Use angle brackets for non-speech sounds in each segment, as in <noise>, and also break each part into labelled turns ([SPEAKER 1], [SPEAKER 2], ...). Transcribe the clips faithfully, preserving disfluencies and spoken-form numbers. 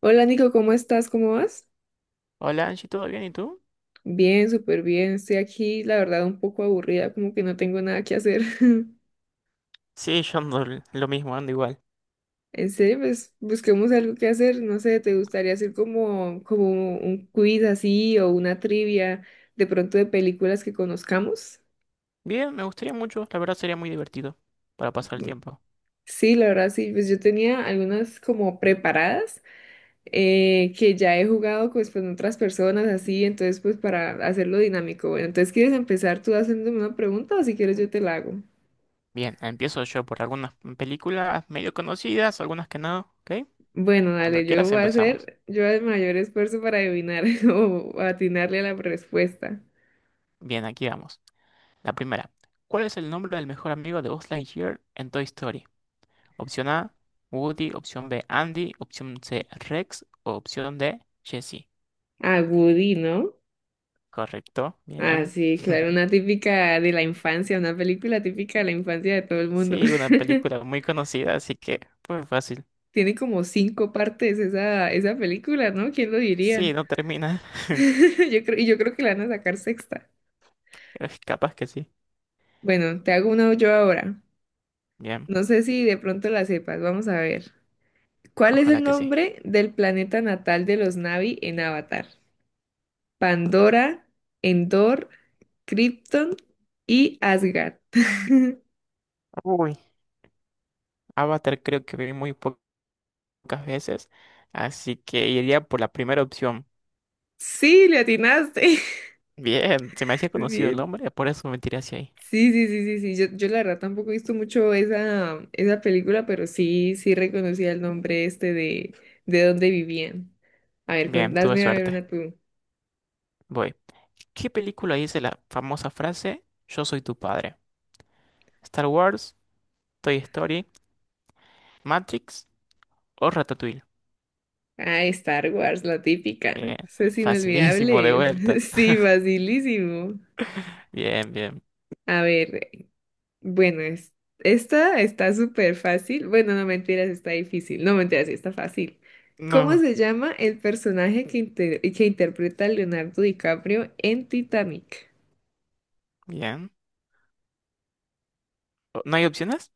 [SPEAKER 1] Hola Nico, ¿cómo estás? ¿Cómo vas?
[SPEAKER 2] Hola Angie, ¿todo bien? ¿Y tú?
[SPEAKER 1] Bien, súper bien. Estoy aquí, la verdad, un poco aburrida, como que no tengo nada que hacer. <laughs>
[SPEAKER 2] Sí, yo ando l- lo mismo, ando igual.
[SPEAKER 1] En serio, pues busquemos algo que hacer. No sé, ¿te gustaría hacer como, como un quiz así o una trivia de pronto de películas que conozcamos?
[SPEAKER 2] Bien, me gustaría mucho, la verdad sería muy divertido para pasar el tiempo.
[SPEAKER 1] Sí, la verdad, sí. Pues yo tenía algunas como preparadas eh, que ya he jugado pues, con otras personas así, entonces pues para hacerlo dinámico. Bueno, entonces, ¿quieres empezar tú haciéndome una pregunta o si quieres yo te la hago?
[SPEAKER 2] Bien, empiezo yo por algunas películas medio conocidas, algunas que no, ¿ok?
[SPEAKER 1] Bueno,
[SPEAKER 2] Cuando
[SPEAKER 1] dale, yo
[SPEAKER 2] quieras
[SPEAKER 1] voy a
[SPEAKER 2] empezamos.
[SPEAKER 1] hacer yo el mayor esfuerzo para adivinar <laughs> o atinarle a la respuesta.
[SPEAKER 2] Bien, aquí vamos. La primera. ¿Cuál es el nombre del mejor amigo de Buzz Lightyear en Toy Story? Opción A, Woody, opción B, Andy, opción C, Rex o opción D, Jessie.
[SPEAKER 1] A Woody, ¿no?
[SPEAKER 2] Correcto,
[SPEAKER 1] Ah,
[SPEAKER 2] bien.
[SPEAKER 1] sí, claro, una
[SPEAKER 2] <laughs>
[SPEAKER 1] típica de la infancia, una película típica de la infancia de todo el mundo.
[SPEAKER 2] Sí, una película
[SPEAKER 1] <laughs>
[SPEAKER 2] muy conocida, así que fue fácil.
[SPEAKER 1] Tiene como cinco partes esa, esa película, ¿no? ¿Quién lo diría?
[SPEAKER 2] Sí, no termina. <laughs>
[SPEAKER 1] <laughs> Yo creo, y yo creo que la van a sacar sexta.
[SPEAKER 2] Pero es capaz que sí.
[SPEAKER 1] Bueno, te hago una yo ahora.
[SPEAKER 2] Bien,
[SPEAKER 1] No sé si de pronto la sepas, vamos a ver. ¿Cuál es el
[SPEAKER 2] ojalá que sí.
[SPEAKER 1] nombre del planeta natal de los Na'vi en Avatar? Pandora, Endor, Krypton y Asgard. <laughs>
[SPEAKER 2] Uy, Avatar creo que vi muy po- pocas veces, así que iría por la primera opción.
[SPEAKER 1] Sí, le atinaste.
[SPEAKER 2] Bien, se me hacía
[SPEAKER 1] <laughs> Muy
[SPEAKER 2] conocido el
[SPEAKER 1] bien.
[SPEAKER 2] nombre, por eso me tiré hacia ahí.
[SPEAKER 1] Sí, sí, sí, sí, sí. Yo, yo la verdad tampoco he visto mucho esa, esa película, pero sí, sí reconocía el nombre este de, de dónde vivían. A ver,
[SPEAKER 2] Bien, tuve
[SPEAKER 1] contásme a ver
[SPEAKER 2] suerte.
[SPEAKER 1] una tú.
[SPEAKER 2] Voy. ¿Qué película dice la famosa frase Yo soy tu padre? ¿Star Wars, Toy Story, Matrix o Ratatouille?
[SPEAKER 1] Ah, Star Wars, la típica.
[SPEAKER 2] Bien,
[SPEAKER 1] Eso es
[SPEAKER 2] facilísimo de
[SPEAKER 1] inolvidable. <laughs>
[SPEAKER 2] vuelta.
[SPEAKER 1] Sí, facilísimo.
[SPEAKER 2] Bien, bien.
[SPEAKER 1] A ver. Bueno, es, esta está súper fácil. Bueno, no mentiras, está difícil. No mentiras, sí está fácil. ¿Cómo
[SPEAKER 2] No,
[SPEAKER 1] se llama el personaje que, inter- que interpreta Leonardo DiCaprio en Titanic?
[SPEAKER 2] bien. ¿O- ¿No hay opciones?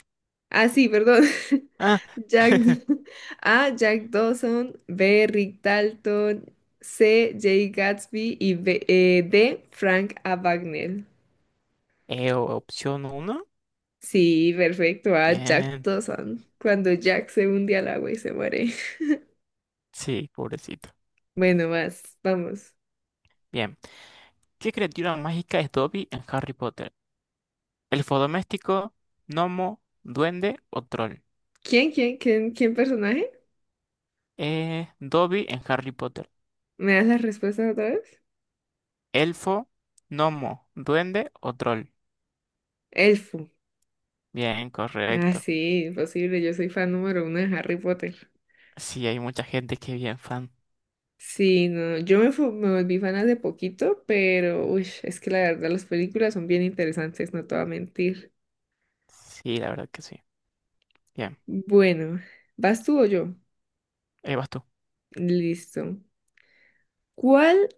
[SPEAKER 1] Ah, sí, perdón. <laughs>
[SPEAKER 2] Ah.
[SPEAKER 1] Jack,
[SPEAKER 2] <laughs>
[SPEAKER 1] <laughs> A. Jack Dawson, B. Rick Dalton, C. Jay Gatsby y B- eh, D. Frank A. Bagnell.
[SPEAKER 2] Eh, opción uno.
[SPEAKER 1] Sí, perfecto. A. Jack
[SPEAKER 2] Bien.
[SPEAKER 1] Dawson. Cuando Jack se hunde al agua y se muere. <laughs>
[SPEAKER 2] Sí, pobrecito.
[SPEAKER 1] Bueno, más, vamos.
[SPEAKER 2] Bien. ¿Qué criatura mágica es Dobby en Harry Potter? ¿Elfo doméstico, gnomo, duende o troll?
[SPEAKER 1] ¿Quién, quién, quién, quién personaje?
[SPEAKER 2] Eh, Dobby en Harry Potter.
[SPEAKER 1] ¿Me das las respuestas otra vez?
[SPEAKER 2] ¿Elfo, gnomo, duende o troll?
[SPEAKER 1] Elfo.
[SPEAKER 2] Bien,
[SPEAKER 1] Ah,
[SPEAKER 2] correcto.
[SPEAKER 1] sí, imposible. Yo soy fan número uno de Harry Potter.
[SPEAKER 2] Sí, hay mucha gente que es bien fan.
[SPEAKER 1] Sí, no, yo me, fu- me volví fan hace poquito, pero uy, es que la verdad las películas son bien interesantes, no te voy a mentir.
[SPEAKER 2] Sí, la verdad que sí. Bien.
[SPEAKER 1] Bueno, ¿vas tú o yo?
[SPEAKER 2] Ahí vas tú.
[SPEAKER 1] Listo. ¿Cuál?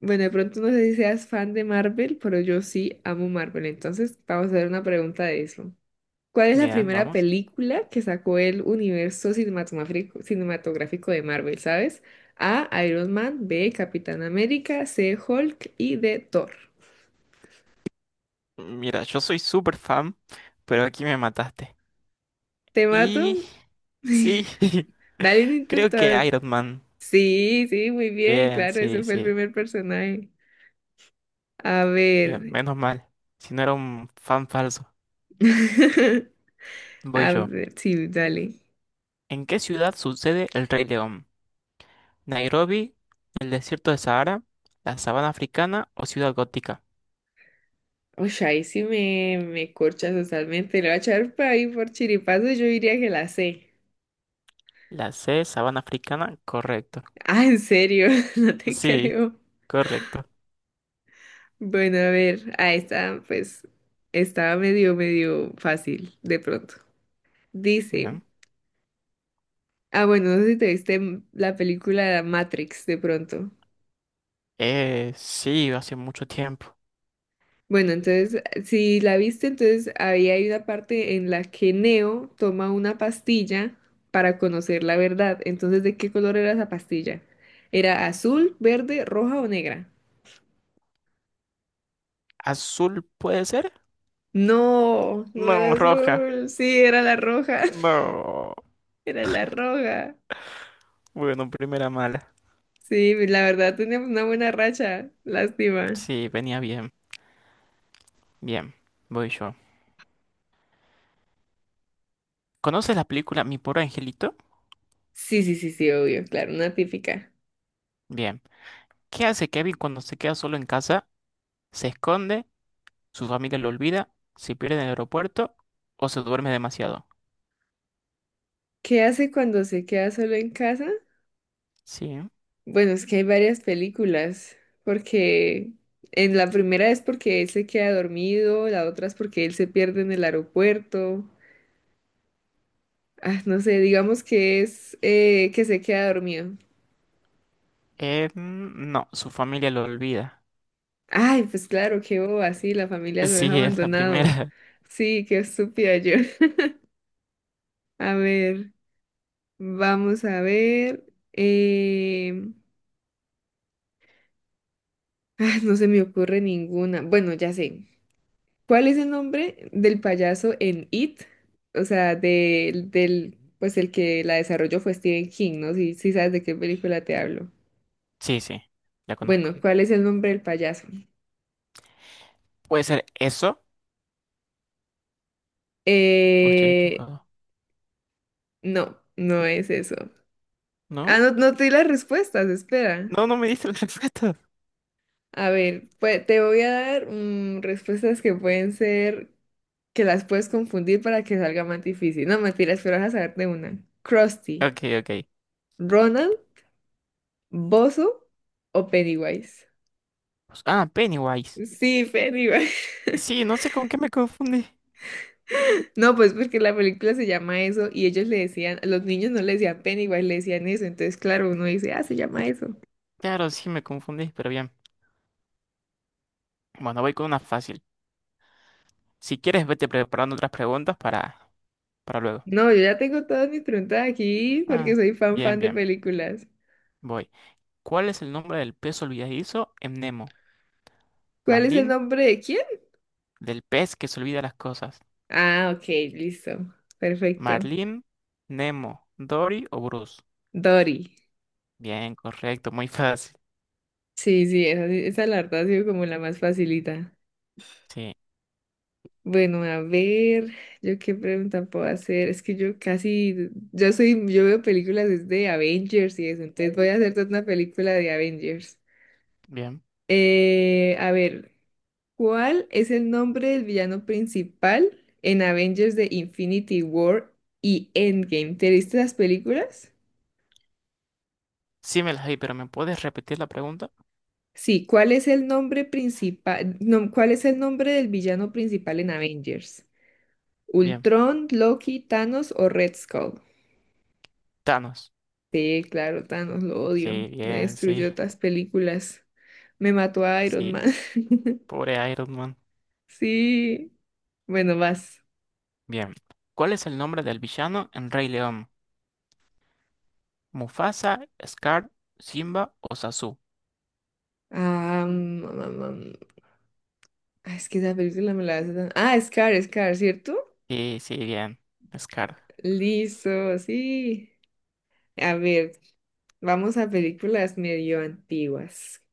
[SPEAKER 1] Bueno, de pronto no sé si seas fan de Marvel, pero yo sí amo Marvel, entonces vamos a hacer una pregunta de eso. ¿Cuál es la
[SPEAKER 2] Bien,
[SPEAKER 1] primera
[SPEAKER 2] vamos.
[SPEAKER 1] película que sacó el universo cinematográfico, cinematográfico de Marvel, ¿sabes? A, Iron Man, B, Capitán América, C, Hulk y D, Thor.
[SPEAKER 2] Mira, yo soy súper fan, pero aquí me mataste.
[SPEAKER 1] ¿Te mato?
[SPEAKER 2] Y... Sí,
[SPEAKER 1] <laughs>
[SPEAKER 2] <laughs>
[SPEAKER 1] Dale un
[SPEAKER 2] creo
[SPEAKER 1] intento, a
[SPEAKER 2] que
[SPEAKER 1] ver.
[SPEAKER 2] Iron Man.
[SPEAKER 1] Sí, sí, muy bien,
[SPEAKER 2] Bien,
[SPEAKER 1] claro, ese
[SPEAKER 2] sí,
[SPEAKER 1] fue el
[SPEAKER 2] sí.
[SPEAKER 1] primer personaje. A
[SPEAKER 2] Bien,
[SPEAKER 1] ver.
[SPEAKER 2] menos mal. Si no era un fan falso.
[SPEAKER 1] <laughs>
[SPEAKER 2] Voy
[SPEAKER 1] A
[SPEAKER 2] yo.
[SPEAKER 1] ver, sí, dale.
[SPEAKER 2] ¿En qué ciudad sucede el Rey León? ¿Nairobi, el desierto de Sahara, la sabana africana o ciudad gótica?
[SPEAKER 1] Oye, ahí sí me, me corchas totalmente. Le voy a echar por ahí por chiripazo, yo diría que la sé.
[SPEAKER 2] La C, sabana africana, correcto.
[SPEAKER 1] Ah, en serio, <laughs> no te
[SPEAKER 2] Sí,
[SPEAKER 1] creo.
[SPEAKER 2] correcto.
[SPEAKER 1] Bueno, a ver, ahí está, pues estaba medio, medio fácil de pronto. Dice,
[SPEAKER 2] Bien.
[SPEAKER 1] ah, bueno, no sé si te viste m- la película Matrix de pronto.
[SPEAKER 2] Eh, sí, hace mucho tiempo.
[SPEAKER 1] Bueno, entonces, si la viste, entonces había hay una parte en la que Neo toma una pastilla para conocer la verdad. Entonces, ¿de qué color era esa pastilla? ¿Era azul, verde, roja o negra?
[SPEAKER 2] ¿Azul puede ser?
[SPEAKER 1] No, no era
[SPEAKER 2] No, roja.
[SPEAKER 1] azul, sí, era la roja,
[SPEAKER 2] No.
[SPEAKER 1] <laughs> era la roja.
[SPEAKER 2] Bueno, primera mala.
[SPEAKER 1] Sí, pues, la verdad, tenemos una buena racha. Lástima.
[SPEAKER 2] Sí, venía bien. Bien, voy yo. ¿Conoces la película Mi pobre angelito?
[SPEAKER 1] Sí, sí, sí, sí, obvio, claro, una típica.
[SPEAKER 2] Bien. ¿Qué hace Kevin cuando se queda solo en casa? ¿Se esconde? ¿Su familia lo olvida? ¿Se pierde en el aeropuerto? ¿O se duerme demasiado?
[SPEAKER 1] ¿Qué hace cuando se queda solo en casa?
[SPEAKER 2] Sí.
[SPEAKER 1] Bueno, es que hay varias películas, porque en la primera es porque él se queda dormido, la otra es porque él se pierde en el aeropuerto. Ah, no sé, digamos que es eh, que se queda dormido.
[SPEAKER 2] Eh, mm, no, su familia lo olvida. <laughs>
[SPEAKER 1] Ay, pues claro, qué boba, sí, la familia lo deja
[SPEAKER 2] Sí, es la
[SPEAKER 1] abandonado.
[SPEAKER 2] primera. <laughs>
[SPEAKER 1] Sí, qué estúpida yo. <laughs> A ver. Vamos a ver. eh, <laughs> ah, no se me ocurre ninguna. Bueno, ya sé. ¿Cuál es el nombre del payaso en It? O sea, del, del, pues el que la desarrolló fue Stephen King, ¿no? Si, si sabes de qué película te hablo.
[SPEAKER 2] Sí, sí, la
[SPEAKER 1] Bueno,
[SPEAKER 2] conozco.
[SPEAKER 1] ¿cuál es el nombre del payaso?
[SPEAKER 2] ¿Puede ser eso? ¿O estoy
[SPEAKER 1] Eh,
[SPEAKER 2] equivocado?
[SPEAKER 1] no, no es eso.
[SPEAKER 2] ¿No?
[SPEAKER 1] Ah, no, no te di las respuestas, espera.
[SPEAKER 2] No, no me diste las respuestas. <laughs>
[SPEAKER 1] A ver, pues te voy a dar mm, respuestas que pueden ser que las puedes confundir para que salga más difícil. No, mentiras, pero vas a saber de una. Krusty,
[SPEAKER 2] Ok, ok.
[SPEAKER 1] Ronald, Bozo o Pennywise.
[SPEAKER 2] Pues- Ah, Pennywise.
[SPEAKER 1] Sí, Pennywise. <laughs>
[SPEAKER 2] Sí, no sé con qué me confundí.
[SPEAKER 1] No, pues porque la película se llama eso y ellos le decían, los niños no le decían Pennywise, le decían eso. Entonces, claro, uno dice, ah, se llama eso.
[SPEAKER 2] Claro, sí me confundí, pero bien. Bueno, voy con una fácil. Si quieres, vete preparando otras preguntas para, para luego.
[SPEAKER 1] No, yo ya tengo todas mis preguntas aquí porque
[SPEAKER 2] Ah,
[SPEAKER 1] soy fan
[SPEAKER 2] bien,
[SPEAKER 1] fan de
[SPEAKER 2] bien.
[SPEAKER 1] películas.
[SPEAKER 2] Voy. ¿Cuál es el nombre del pez olvidadizo en Nemo?
[SPEAKER 1] ¿Cuál es el
[SPEAKER 2] Marlin,
[SPEAKER 1] nombre de quién?
[SPEAKER 2] del pez que se olvida las cosas.
[SPEAKER 1] Ah, ok, listo. Perfecto.
[SPEAKER 2] Marlin, Nemo, Dory o Bruce.
[SPEAKER 1] Dory.
[SPEAKER 2] Bien, correcto, muy fácil.
[SPEAKER 1] Sí, sí, esa, sí- esa la verdad ha sido como la más facilita.
[SPEAKER 2] Sí,
[SPEAKER 1] Bueno, a ver, yo qué pregunta puedo hacer. Es que yo casi, yo soy, yo veo películas desde Avengers y eso, entonces voy a hacer toda una película de Avengers.
[SPEAKER 2] bien.
[SPEAKER 1] Eh, a ver, ¿cuál es el nombre del villano principal en Avengers de Infinity War y Endgame? ¿Te viste las películas?
[SPEAKER 2] Sí me las di, pero ¿me puedes repetir la pregunta?
[SPEAKER 1] Sí, ¿cuál es el nombre principal, no, cuál es el nombre del villano principal en Avengers?
[SPEAKER 2] Bien.
[SPEAKER 1] ¿Ultron, Loki, Thanos o Red Skull?
[SPEAKER 2] Thanos.
[SPEAKER 1] Sí, claro, Thanos, lo odio.
[SPEAKER 2] Sí,
[SPEAKER 1] Me
[SPEAKER 2] bien, sí,
[SPEAKER 1] destruyó otras películas. Me mató a Iron Man.
[SPEAKER 2] sí.
[SPEAKER 1] <laughs>
[SPEAKER 2] Pobre Iron Man.
[SPEAKER 1] Sí. Bueno, vas.
[SPEAKER 2] Bien. ¿Cuál es el nombre del villano en Rey León? ¿Mufasa, Scar, Simba o Sasu?
[SPEAKER 1] Ah, mm, mm, mm. Ah, es que esa película me la hace tan... Ah, Scar, Scar, ¿cierto?
[SPEAKER 2] Sí, sí, bien. Scar.
[SPEAKER 1] Listo, sí. A ver, vamos a películas medio antiguas.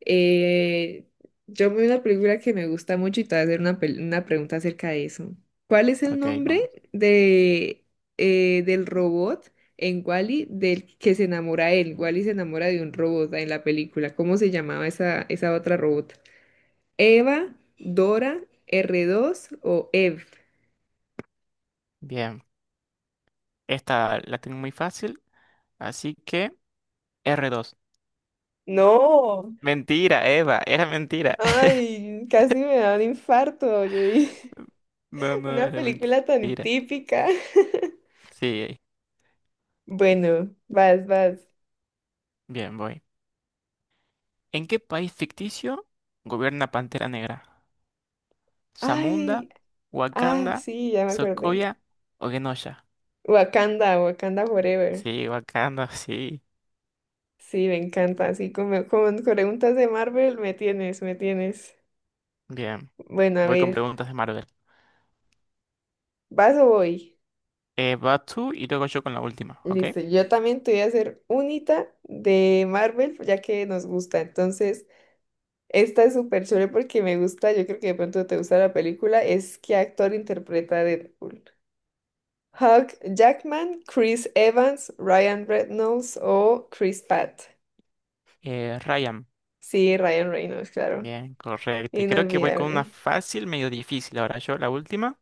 [SPEAKER 1] Eh, yo vi una película que me gusta mucho y te voy a hacer una, pel- una pregunta acerca de eso. ¿Cuál es el
[SPEAKER 2] Ok,
[SPEAKER 1] nombre
[SPEAKER 2] vamos.
[SPEAKER 1] de, eh, del robot en Wall-E del que se enamora él? Wall-E se enamora de un robot en la película. ¿Cómo se llamaba esa, esa otra robot? ¿Eva, Dora, r dos o Ev?
[SPEAKER 2] Bien. Esta la tengo muy fácil, así que erre dos.
[SPEAKER 1] No,
[SPEAKER 2] Mentira, Eva, era mentira. <laughs>
[SPEAKER 1] ay, casi me da un infarto. Yo dije,
[SPEAKER 2] No,
[SPEAKER 1] <laughs>
[SPEAKER 2] no,
[SPEAKER 1] una
[SPEAKER 2] era
[SPEAKER 1] película tan
[SPEAKER 2] mentira.
[SPEAKER 1] típica. <laughs>
[SPEAKER 2] Sí,
[SPEAKER 1] Bueno, vas, vas.
[SPEAKER 2] bien, voy. ¿En qué país ficticio gobierna Pantera Negra? ¿Zamunda,
[SPEAKER 1] Ay. Ah,
[SPEAKER 2] Wakanda,
[SPEAKER 1] sí, ya me acordé.
[SPEAKER 2] Sokovia o Genosha?
[SPEAKER 1] Wakanda, Wakanda Forever.
[SPEAKER 2] Sí, Wakanda, sí.
[SPEAKER 1] Sí, me encanta. Así como con preguntas de Marvel, me tienes, me tienes.
[SPEAKER 2] Bien,
[SPEAKER 1] Bueno, a
[SPEAKER 2] voy con
[SPEAKER 1] ver,
[SPEAKER 2] preguntas de Marvel.
[SPEAKER 1] ¿vas o voy?
[SPEAKER 2] Eh, vas tú y luego yo con la última, ¿ok?
[SPEAKER 1] Listo, yo también te voy a hacer unita de Marvel, ya que nos gusta. Entonces, esta es súper chévere porque me gusta, yo creo que de pronto te gusta la película, es qué actor interpreta a Deadpool. Hugh Jackman, Chris Evans, Ryan Reynolds o Chris Pratt.
[SPEAKER 2] Eh, Ryan,
[SPEAKER 1] Sí, Ryan Reynolds, claro.
[SPEAKER 2] bien, correcto. Y creo que voy con una
[SPEAKER 1] Inolvidable.
[SPEAKER 2] fácil, medio difícil ahora. Yo, la última.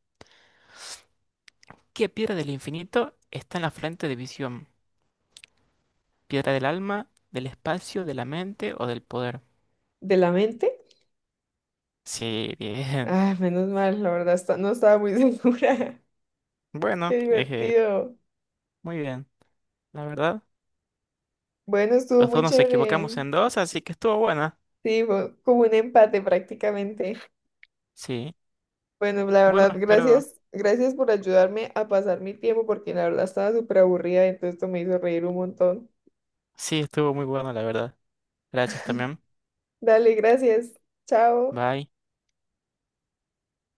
[SPEAKER 2] ¿Qué piedra del infinito está en la frente de Visión? ¿Piedra del alma, del espacio, de la mente o del poder?
[SPEAKER 1] ¿De la mente?
[SPEAKER 2] Sí, bien. <laughs>
[SPEAKER 1] Ah, menos mal, la verdad, esta- no estaba muy <laughs> segura. Qué
[SPEAKER 2] Bueno, eh,
[SPEAKER 1] divertido.
[SPEAKER 2] muy bien. La verdad,
[SPEAKER 1] Bueno, estuvo
[SPEAKER 2] los
[SPEAKER 1] muy
[SPEAKER 2] dos nos equivocamos
[SPEAKER 1] chévere.
[SPEAKER 2] en dos, así que estuvo buena.
[SPEAKER 1] Sí, fue como un empate prácticamente.
[SPEAKER 2] Sí.
[SPEAKER 1] Bueno, la
[SPEAKER 2] Bueno,
[SPEAKER 1] verdad,
[SPEAKER 2] espero.
[SPEAKER 1] gracias, gracias por ayudarme a pasar mi tiempo porque la verdad estaba súper aburrida, entonces esto me hizo reír un montón.
[SPEAKER 2] Sí, estuvo muy buena, la verdad. Gracias también.
[SPEAKER 1] Dale, gracias. Chao.
[SPEAKER 2] Bye.